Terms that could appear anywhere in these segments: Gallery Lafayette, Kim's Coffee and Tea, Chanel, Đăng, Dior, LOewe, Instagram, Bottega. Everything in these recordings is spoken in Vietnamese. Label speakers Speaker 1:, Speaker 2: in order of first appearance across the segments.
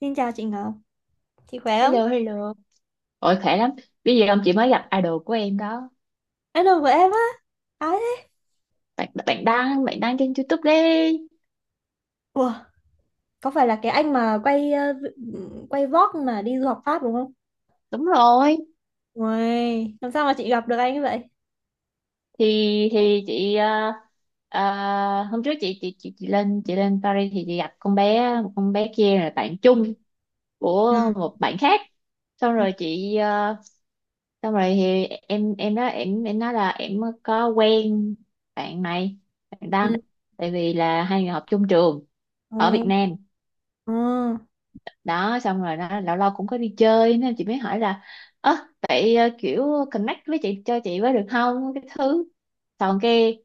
Speaker 1: Xin chào chị Ngọc, chị khỏe không?
Speaker 2: Hello, hello. Ôi khỏe lắm. Bây giờ ông chị mới gặp idol của em đó.
Speaker 1: Anh đồng của em á, ai thế?
Speaker 2: Bạn bạn đăng trên YouTube đi.
Speaker 1: Ủa, có phải là cái anh mà quay quay vlog mà đi du học Pháp đúng không?
Speaker 2: Đúng rồi.
Speaker 1: Ui, làm sao mà chị gặp được anh như vậy?
Speaker 2: Thì chị hôm trước chị lên Paris thì chị gặp con bé kia là bạn chung
Speaker 1: Ừ.
Speaker 2: của một bạn khác. Xong
Speaker 1: Ừ.
Speaker 2: rồi chị xong rồi thì em nói là em có quen bạn này, bạn đăng, tại vì là hai người học chung trường ở
Speaker 1: Ừ.
Speaker 2: Việt Nam
Speaker 1: Ừ.
Speaker 2: đó. Xong rồi nó lâu lâu cũng có đi chơi nên chị mới hỏi là ơ, vậy kiểu connect với chị cho chị với được không? Cái thứ xong cái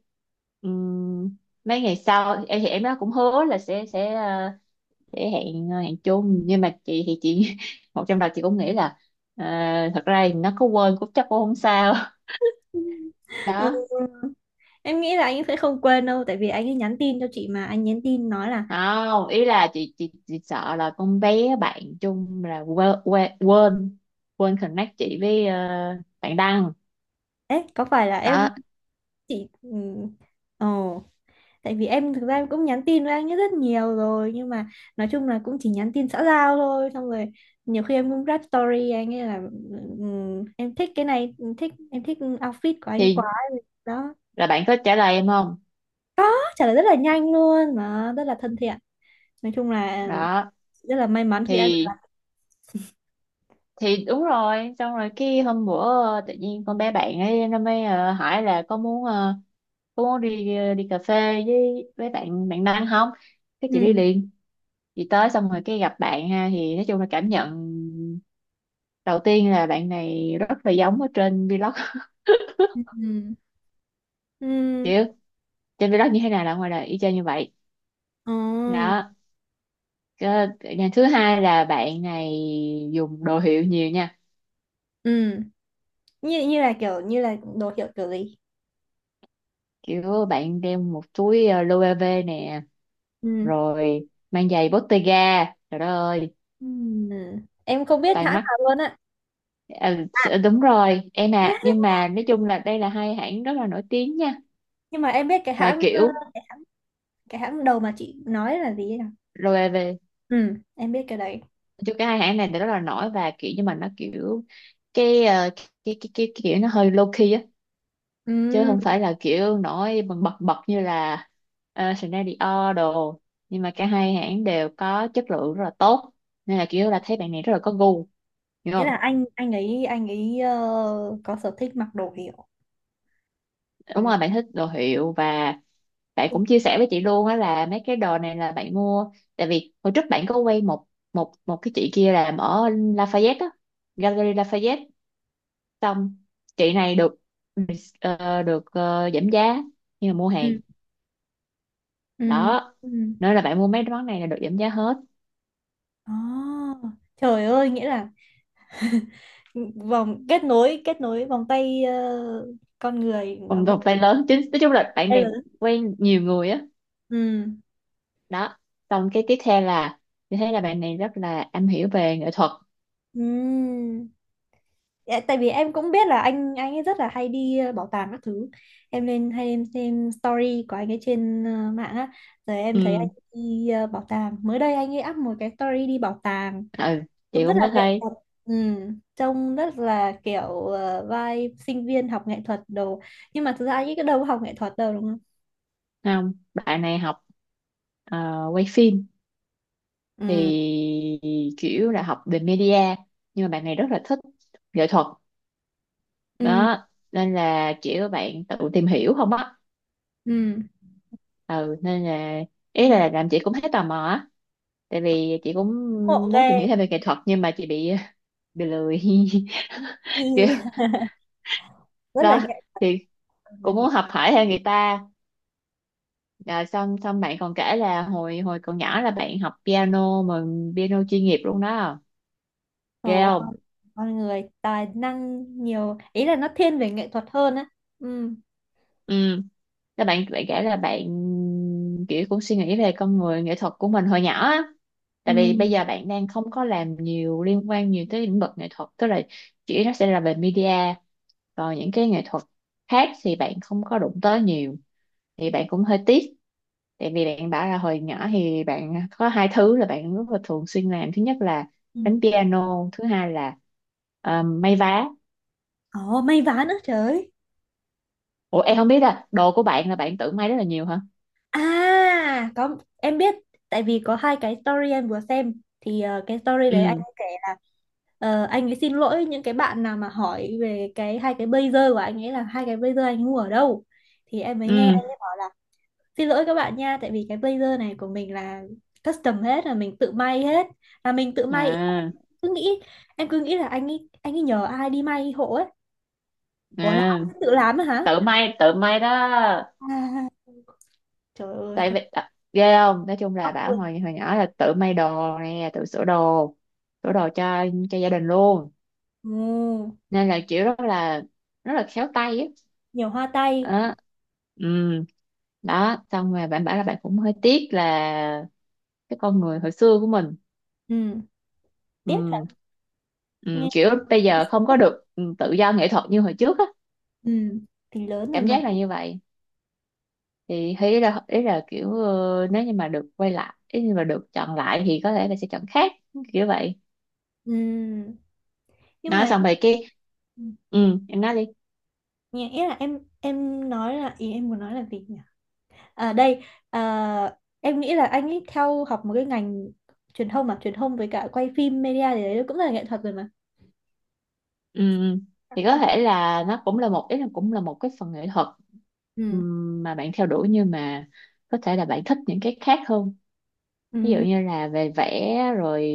Speaker 2: ừm, mấy ngày sau em thì em nó cũng hứa là sẽ hẹn hẹn chung, nhưng mà chị một trong đầu chị cũng nghĩ là ờ, thật ra thì nó có quên cũng chắc cũng không sao.
Speaker 1: Ừ.
Speaker 2: Đó,
Speaker 1: Em nghĩ là anh ấy sẽ không quên đâu, tại vì anh ấy nhắn tin cho chị mà anh nhắn tin nói là,
Speaker 2: không, ý là chị sợ là con bé bạn chung là quên quên quên quên connect chị với bạn Đăng
Speaker 1: ấy có phải là em
Speaker 2: đó.
Speaker 1: chị? Ừ. Ồ. Tại vì em thực ra em cũng nhắn tin với anh ấy rất nhiều rồi, nhưng mà nói chung là cũng chỉ nhắn tin xã giao thôi. Xong rồi nhiều khi em cũng rap story anh ấy là em thích cái này, em thích, em thích outfit của anh quá."
Speaker 2: Thì
Speaker 1: Đó.
Speaker 2: là bạn có trả lời em không?
Speaker 1: Nó trả lời rất là nhanh luôn, mà rất là thân thiện. Nói chung là
Speaker 2: Đó
Speaker 1: rất là may mắn khi đã được.
Speaker 2: thì đúng rồi. Xong rồi cái hôm bữa tự nhiên con bé bạn ấy nó mới hỏi là có muốn có muốn đi đi cà phê với bạn bạn Đăng không, cái chị đi
Speaker 1: Ừ.
Speaker 2: liền. Chị tới xong rồi cái gặp bạn, ha, thì nói chung là cảm nhận đầu tiên là bạn này rất là giống ở trên vlog.
Speaker 1: Ừ. Ừ.
Speaker 2: Chứ trên vlog như thế nào là ngoài đời y chang như vậy
Speaker 1: Ừ.
Speaker 2: đó. Cái thứ hai là bạn này dùng đồ hiệu nhiều nha.
Speaker 1: Ừ. Như như là kiểu như là đồ hiệu kiểu gì?
Speaker 2: Kiểu bạn đeo một túi LOewe nè,
Speaker 1: Ừ.
Speaker 2: rồi mang giày Bottega, trời đất ơi,
Speaker 1: Ừ. Em không biết
Speaker 2: tai
Speaker 1: hãng
Speaker 2: mắt.
Speaker 1: nào luôn á. À,
Speaker 2: Đúng rồi em, à nhưng mà nói chung là đây là hai hãng rất là nổi tiếng nha.
Speaker 1: nhưng mà em biết cái
Speaker 2: Và
Speaker 1: hãng,
Speaker 2: kiểu
Speaker 1: cái hãng đầu mà chị nói là gì ấy nhỉ?
Speaker 2: LOewe
Speaker 1: Ừ, em biết cái đấy.
Speaker 2: chứ, cái hai hãng này thì rất là nổi, và kiểu nhưng mà nó kiểu cái kiểu nó hơi low key á, chứ
Speaker 1: Ừ.
Speaker 2: không phải là kiểu nổi bật bật bật như là Chanel, Dior đồ. Nhưng mà cả hai hãng đều có chất lượng rất là tốt, nên là kiểu là thấy bạn này rất là có gu, hiểu
Speaker 1: Nghĩa
Speaker 2: không?
Speaker 1: là anh ấy có sở thích mặc đồ hiệu. Ừ.
Speaker 2: Đúng rồi, bạn thích đồ hiệu, và bạn cũng chia sẻ với chị luôn á là mấy cái đồ này là bạn mua. Tại vì hồi trước bạn có quay một một một cái chị kia làm ở Lafayette á, Gallery Lafayette. Xong chị này được được giảm giá nhưng mà mua hàng
Speaker 1: Ừ. Ừ.
Speaker 2: đó,
Speaker 1: Ừ.
Speaker 2: nên là bạn mua mấy món này là được giảm giá hết.
Speaker 1: À, trời ơi, nghĩa là vòng kết nối, kết nối vòng tay, con người nó
Speaker 2: còn
Speaker 1: rất
Speaker 2: còn phải lớn chính, nói chung là bạn
Speaker 1: là
Speaker 2: này
Speaker 1: lớn.
Speaker 2: quen nhiều người á
Speaker 1: Ừ.
Speaker 2: đó. Xong cái tiếp theo là thì thấy là bạn này rất là am hiểu về nghệ thuật.
Speaker 1: Ừ. Dạ, tại vì em cũng biết là anh ấy rất là hay đi bảo tàng các thứ. Em lên hay em xem story của anh ấy trên mạng á. Rồi em thấy anh
Speaker 2: Ừ,
Speaker 1: đi bảo tàng, mới đây anh ấy up một cái story đi bảo tàng,
Speaker 2: ừ, chị
Speaker 1: trông rất
Speaker 2: cũng có
Speaker 1: là nghệ
Speaker 2: thấy.
Speaker 1: thuật. Ừ, trông rất là kiểu vibe sinh viên học nghệ thuật đồ, nhưng mà thực ra anh ấy cái đâu có học nghệ thuật đâu, đúng không?
Speaker 2: Không, bạn này học quay phim,
Speaker 1: Ừ.
Speaker 2: thì kiểu là học về media, nhưng mà bạn này rất là thích nghệ thuật
Speaker 1: Ừ.
Speaker 2: đó. Nên là kiểu bạn tự tìm hiểu không á.
Speaker 1: Ừ.
Speaker 2: Ừ, nên là ý
Speaker 1: Ừ.
Speaker 2: là làm chị cũng thấy tò mò á, tại vì chị cũng
Speaker 1: Ngộ
Speaker 2: muốn tìm hiểu
Speaker 1: ghê.
Speaker 2: thêm về nghệ thuật, nhưng mà chị bị lười. Kiểu
Speaker 1: Rất là
Speaker 2: đó
Speaker 1: nghệ thuật.
Speaker 2: thì cũng muốn học hỏi theo người ta. À, xong xong bạn còn kể là hồi hồi còn nhỏ là bạn học piano, mà piano chuyên nghiệp luôn đó,
Speaker 1: Ồ,
Speaker 2: ghê.
Speaker 1: con người tài năng nhiều, ý là nó thiên về nghệ thuật hơn á. Ừ.
Speaker 2: Ừ, các bạn bạn kể là bạn kiểu cũng suy nghĩ về con người nghệ thuật của mình hồi nhỏ á.
Speaker 1: Ừ.
Speaker 2: Tại vì bây giờ bạn đang không có làm nhiều, liên quan nhiều tới lĩnh vực nghệ thuật, tức là chỉ nó sẽ là về media, còn những cái nghệ thuật khác thì bạn không có đụng tới nhiều, thì bạn cũng hơi tiếc. Tại vì bạn bảo là hồi nhỏ thì bạn có hai thứ là bạn rất là thường xuyên làm, thứ nhất là
Speaker 1: Ừ.
Speaker 2: đánh piano, thứ hai là may vá.
Speaker 1: Ồ, may vá nữa, trời ơi.
Speaker 2: Ủa em không biết à, đồ của bạn là bạn tự may rất là nhiều hả?
Speaker 1: À có, em biết. Tại vì có hai cái story em vừa xem thì cái story đấy anh
Speaker 2: Ừ,
Speaker 1: ấy kể là, anh ấy xin lỗi những cái bạn nào mà hỏi về cái hai cái blazer của anh ấy là hai cái blazer anh ấy mua ở đâu, thì em mới nghe
Speaker 2: ừ.
Speaker 1: anh ấy bảo là xin lỗi các bạn nha, tại vì cái blazer này của mình là custom hết, là mình tự may hết, là mình tự may.
Speaker 2: à
Speaker 1: Cứ nghĩ, em cứ nghĩ là anh ấy nhờ ai đi may hộ ấy. Ủa là
Speaker 2: à
Speaker 1: ông ấy tự làm á hả?
Speaker 2: Tự may, tự may đó.
Speaker 1: À, trời ơi,
Speaker 2: Tại
Speaker 1: con
Speaker 2: vì à, ghê không, nói chung là
Speaker 1: ốc
Speaker 2: bảo
Speaker 1: luôn.
Speaker 2: hồi hồi nhỏ là tự may đồ nè, tự sửa đồ, cho gia đình luôn,
Speaker 1: Ừ,
Speaker 2: nên là kiểu rất là khéo tay á.
Speaker 1: nhiều hoa tay.
Speaker 2: Đó. Ừ, đó xong rồi bạn bảo là bạn cũng hơi tiếc là cái con người hồi xưa của mình.
Speaker 1: Ừ, tiếc
Speaker 2: ừ,
Speaker 1: thật.
Speaker 2: ừ,
Speaker 1: Nghe
Speaker 2: Kiểu bây
Speaker 1: tâm
Speaker 2: giờ
Speaker 1: sự
Speaker 2: không có
Speaker 1: quá.
Speaker 2: được tự do nghệ thuật như hồi trước á,
Speaker 1: Ừ, thì lớn rồi
Speaker 2: cảm
Speaker 1: mà.
Speaker 2: giác là như vậy. Thì thấy là ý là kiểu nếu như mà được quay lại, ý như mà được chọn lại thì có thể là sẽ chọn khác kiểu vậy.
Speaker 1: Ừ, nhưng
Speaker 2: Nói
Speaker 1: mà.
Speaker 2: xong rồi cái,
Speaker 1: Ừ.
Speaker 2: ừ em nói đi.
Speaker 1: Nhẹ ý là em nói là ý em muốn nói là gì nhỉ? À đây, à, em nghĩ là anh ấy theo học một cái ngành truyền thông, mà truyền thông với cả quay phim media thì đấy cũng là nghệ thuật rồi mà.
Speaker 2: Ừ, ừ.
Speaker 1: À,
Speaker 2: Thì có
Speaker 1: không.
Speaker 2: thể là nó cũng là một, ý là cũng là một cái phần nghệ thuật,
Speaker 1: Ừ.
Speaker 2: mà bạn theo đuổi, nhưng mà có thể là bạn thích những cái khác hơn, ví dụ
Speaker 1: Ừ.
Speaker 2: như là về vẽ rồi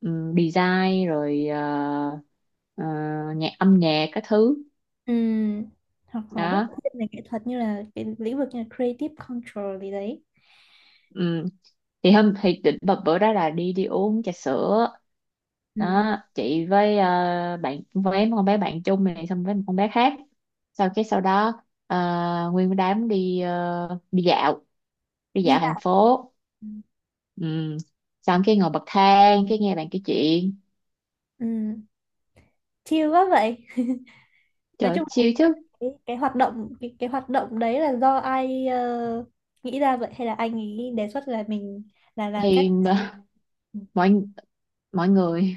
Speaker 2: design rồi ờ, âm nhạc các thứ
Speaker 1: Ừm, hoặc họ rất là
Speaker 2: đó.
Speaker 1: thiên về nghệ thuật, như là cái lĩnh vực như là creative control gì đấy.
Speaker 2: Ừ. Thì hôm thì định bập bữa đó là đi đi uống trà sữa
Speaker 1: Ừm,
Speaker 2: đó, chị với bạn với con bé bạn chung này, xong với một con bé khác. Sau đó nguyên đám đi đi dạo, đi
Speaker 1: đi
Speaker 2: dạo thành
Speaker 1: dạo.
Speaker 2: phố.
Speaker 1: Ừm.
Speaker 2: Ừ. Xong cái ngồi bậc thang, cái nghe bạn kể chuyện,
Speaker 1: Ừm, chill quá vậy. Nói
Speaker 2: trời
Speaker 1: chung là
Speaker 2: siêu chứ.
Speaker 1: cái hoạt động đấy là do ai nghĩ ra vậy, hay là anh ấy đề xuất là mình là cách?
Speaker 2: Thì mọi mọi người.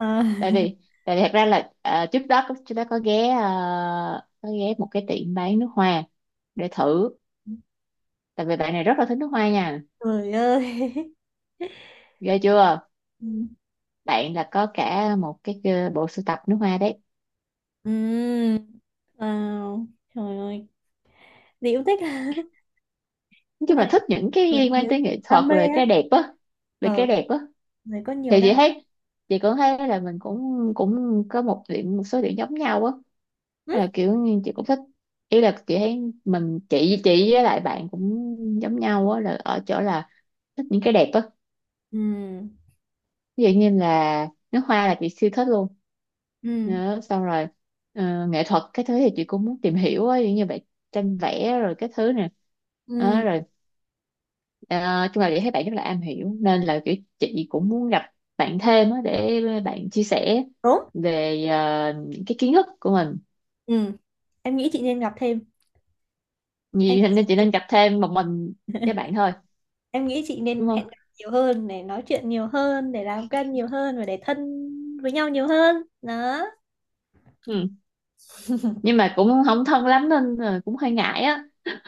Speaker 1: À,
Speaker 2: Tại vì thật ra là trước đó chúng ta có ghé có ghé một cái tiệm bán nước hoa để thử, tại vì bạn này rất là thích nước hoa nha,
Speaker 1: trời ơi.
Speaker 2: ghê chưa.
Speaker 1: Ừm.
Speaker 2: Bạn là có cả một cái bộ sưu tập nước hoa đấy.
Speaker 1: Ừm, wow, trời ơi, Diễu thích.
Speaker 2: Nói
Speaker 1: Tức
Speaker 2: chung
Speaker 1: là
Speaker 2: là thích những cái
Speaker 1: người,
Speaker 2: liên quan
Speaker 1: người
Speaker 2: tới nghệ thuật
Speaker 1: đam mê
Speaker 2: rồi
Speaker 1: á.
Speaker 2: cái đẹp á, về cái
Speaker 1: Ờ,
Speaker 2: đẹp á.
Speaker 1: người có
Speaker 2: Thì
Speaker 1: nhiều
Speaker 2: chị
Speaker 1: đam
Speaker 2: thấy cũng thấy là mình cũng cũng có một điểm, một số điểm giống nhau á.
Speaker 1: mê.
Speaker 2: Hay là kiểu như chị cũng thích, ý là chị thấy mình chị với lại bạn cũng giống nhau á là ở chỗ là thích những cái đẹp á,
Speaker 1: Ừ.
Speaker 2: ví dụ như là nước hoa là chị siêu thích luôn.
Speaker 1: Ừ.
Speaker 2: Đó, xong rồi nghệ thuật cái thứ thì chị cũng muốn tìm hiểu á, giống như vậy, tranh vẽ rồi cái thứ nè. Đó,
Speaker 1: Ừ.
Speaker 2: rồi ờ, chung là chị thấy bạn rất là am hiểu, nên là kiểu chị cũng muốn gặp bạn thêm á, để bạn chia sẻ
Speaker 1: Đúng.
Speaker 2: về những cái kiến thức của mình.
Speaker 1: Ừ, em nghĩ chị nên gặp thêm. Em
Speaker 2: Vì
Speaker 1: nghĩ
Speaker 2: thế
Speaker 1: chị
Speaker 2: nên chị
Speaker 1: nên,
Speaker 2: nên gặp thêm một mình với bạn thôi,
Speaker 1: em nghĩ chị
Speaker 2: đúng
Speaker 1: nên
Speaker 2: không?
Speaker 1: hẹn gặp nhiều hơn để nói chuyện nhiều hơn, để làm quen nhiều hơn và để thân với nhau nhiều hơn. Đó.
Speaker 2: Ừ. Nhưng mà cũng không thân lắm nên là cũng hơi ngại á.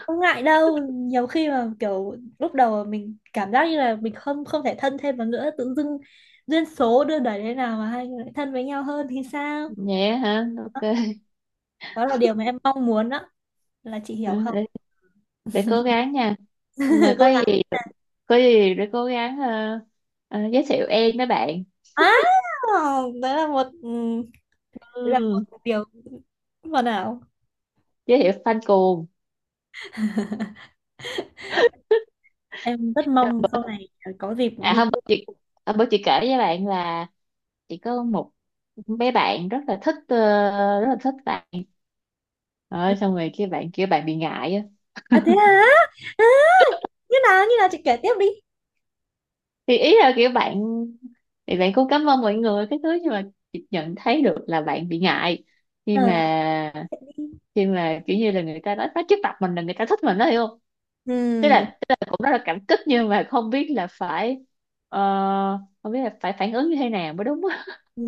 Speaker 1: Không ngại đâu, nhiều khi mà kiểu lúc đầu mà mình cảm giác như là mình không không thể thân thêm vào nữa, tự dưng duyên số đưa đẩy thế nào mà hai người lại thân với nhau hơn thì sao?
Speaker 2: Vậy á hả,
Speaker 1: Đó,
Speaker 2: ok.
Speaker 1: đó là điều mà em mong muốn đó, là chị
Speaker 2: Ừ,
Speaker 1: hiểu không?
Speaker 2: để cố gắng nha. Mà
Speaker 1: Cố
Speaker 2: có
Speaker 1: gắng.
Speaker 2: gì để cố gắng giới thiệu em với bạn.
Speaker 1: À, đấy là một, ừ, đấy là
Speaker 2: Ừ,
Speaker 1: một điều hoàn hảo.
Speaker 2: giới thiệu fan cuồng.
Speaker 1: Em rất mong sau này có dịp
Speaker 2: À
Speaker 1: đi
Speaker 2: hôm
Speaker 1: chơi.
Speaker 2: bữa chị, kể với bạn là chị có một bé bạn rất là thích rất là thích bạn, rồi xong rồi kia bạn bị ngại á.
Speaker 1: À thế hả? À, như nào, như nào chị kể tiếp đi.
Speaker 2: Thì ý là kiểu bạn, thì bạn cũng cảm ơn mọi người cái thứ, nhưng mà chị nhận thấy được là bạn bị ngại khi
Speaker 1: Ờ.
Speaker 2: mà kiểu như là người ta nói trước mặt mình là người ta thích mình đó, hiểu không? Tức
Speaker 1: Ừ.
Speaker 2: là cũng rất là cảm kích nhưng mà không biết là phải ờ, không biết là phải phản ứng như thế nào mới đúng á.
Speaker 1: Ừ.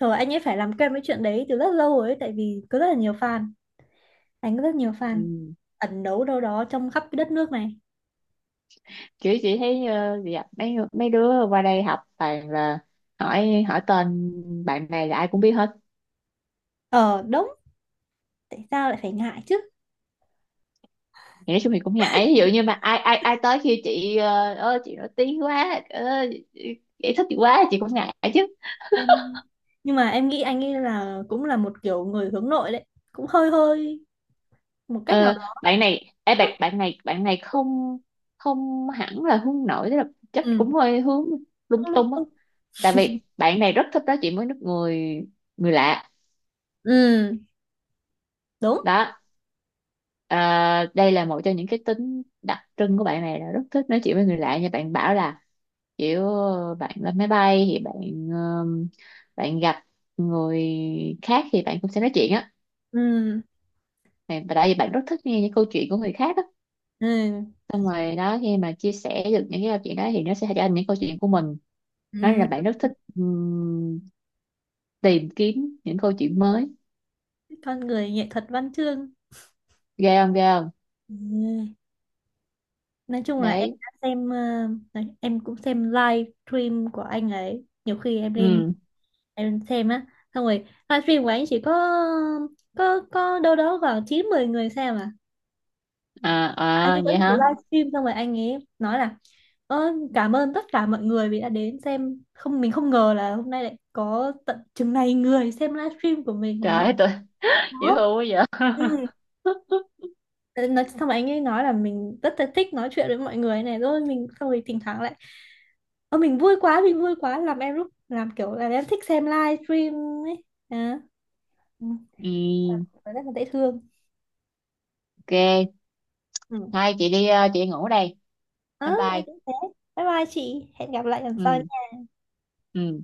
Speaker 1: Trời, anh ấy phải làm quen với chuyện đấy từ rất lâu rồi ấy, tại vì có rất là nhiều fan. Anh có rất nhiều fan
Speaker 2: Ừ.
Speaker 1: ẩn đấu đâu đó trong khắp cái đất nước này.
Speaker 2: Kiểu chị thấy dạ, mấy mấy đứa qua đây học toàn là hỏi hỏi tên bạn này là ai cũng biết hết.
Speaker 1: Ờ đúng, tại sao lại phải ngại chứ?
Speaker 2: Thì nói chung thì cũng ngại, ví dụ như mà ai ai ai tới khi chị ờ, ơ chị nổi tiếng quá, ơ chị thích chị quá, chị cũng ngại chứ.
Speaker 1: Anh- nhưng mà em nghĩ anh ấy là cũng là một kiểu người hướng nội đấy, cũng hơi hơi một cách nào
Speaker 2: Ờ,
Speaker 1: đó.
Speaker 2: bạn này ê, bạn bạn này không không hẳn là hướng nội, tức là chắc
Speaker 1: Ừ,
Speaker 2: cũng hơi hướng lung
Speaker 1: lung
Speaker 2: tung á.
Speaker 1: tung.
Speaker 2: Tại vì bạn này rất thích nói chuyện với người người lạ
Speaker 1: Ừ. Ừ, đúng.
Speaker 2: đó. Ờ, đây là một trong những cái tính đặc trưng của bạn này là rất thích nói chuyện với người lạ, như bạn bảo là kiểu bạn lên máy bay thì bạn ờm, bạn gặp người khác thì bạn cũng sẽ nói chuyện á.
Speaker 1: Ừ.
Speaker 2: Và tại vì bạn rất thích nghe những câu chuyện của người khác á.
Speaker 1: Ừ.
Speaker 2: Xong rồi đó, khi mà chia sẻ được những cái câu chuyện đó thì nó sẽ trở thành những câu chuyện của mình, nói
Speaker 1: Ừ.
Speaker 2: là bạn rất thích tìm kiếm những câu chuyện mới,
Speaker 1: Con người nghệ thuật văn chương.
Speaker 2: ghê không, ghê không.
Speaker 1: Ừ. Nói chung là em
Speaker 2: Đấy.
Speaker 1: đã xem đấy, em cũng xem live stream của anh ấy, nhiều khi em lên
Speaker 2: Ừ,
Speaker 1: em xem á. Xong rồi live stream của anh chỉ có có đâu đó khoảng 9 10 người xem à,
Speaker 2: à,
Speaker 1: anh
Speaker 2: à
Speaker 1: ấy vẫn
Speaker 2: vậy
Speaker 1: cứ
Speaker 2: hả,
Speaker 1: live stream, xong rồi anh ấy nói là "Ơ, cảm ơn tất cả mọi người vì đã đến xem, không mình không ngờ là hôm nay lại có tận chừng này người xem live stream của mình hả."
Speaker 2: trời ơi tôi. Dễ
Speaker 1: Đó.
Speaker 2: thương quá vậy.
Speaker 1: Ừ. Ờ, nói xong rồi anh ấy nói là mình rất là thích nói chuyện với mọi người này, rồi mình xong rồi thỉnh thoảng lại "Ơ mình vui quá, mình vui quá", làm em lúc làm kiểu là em thích xem live stream ấy à. Ừ.
Speaker 2: Ừ,
Speaker 1: Rất là dễ thương.
Speaker 2: ok.
Speaker 1: Ừ.
Speaker 2: Hai chị đi chị ngủ đây.
Speaker 1: Ờ,
Speaker 2: Bye
Speaker 1: em
Speaker 2: bye.
Speaker 1: cũng thế, bye bye chị, hẹn gặp lại lần sau.
Speaker 2: Ừ, ừ.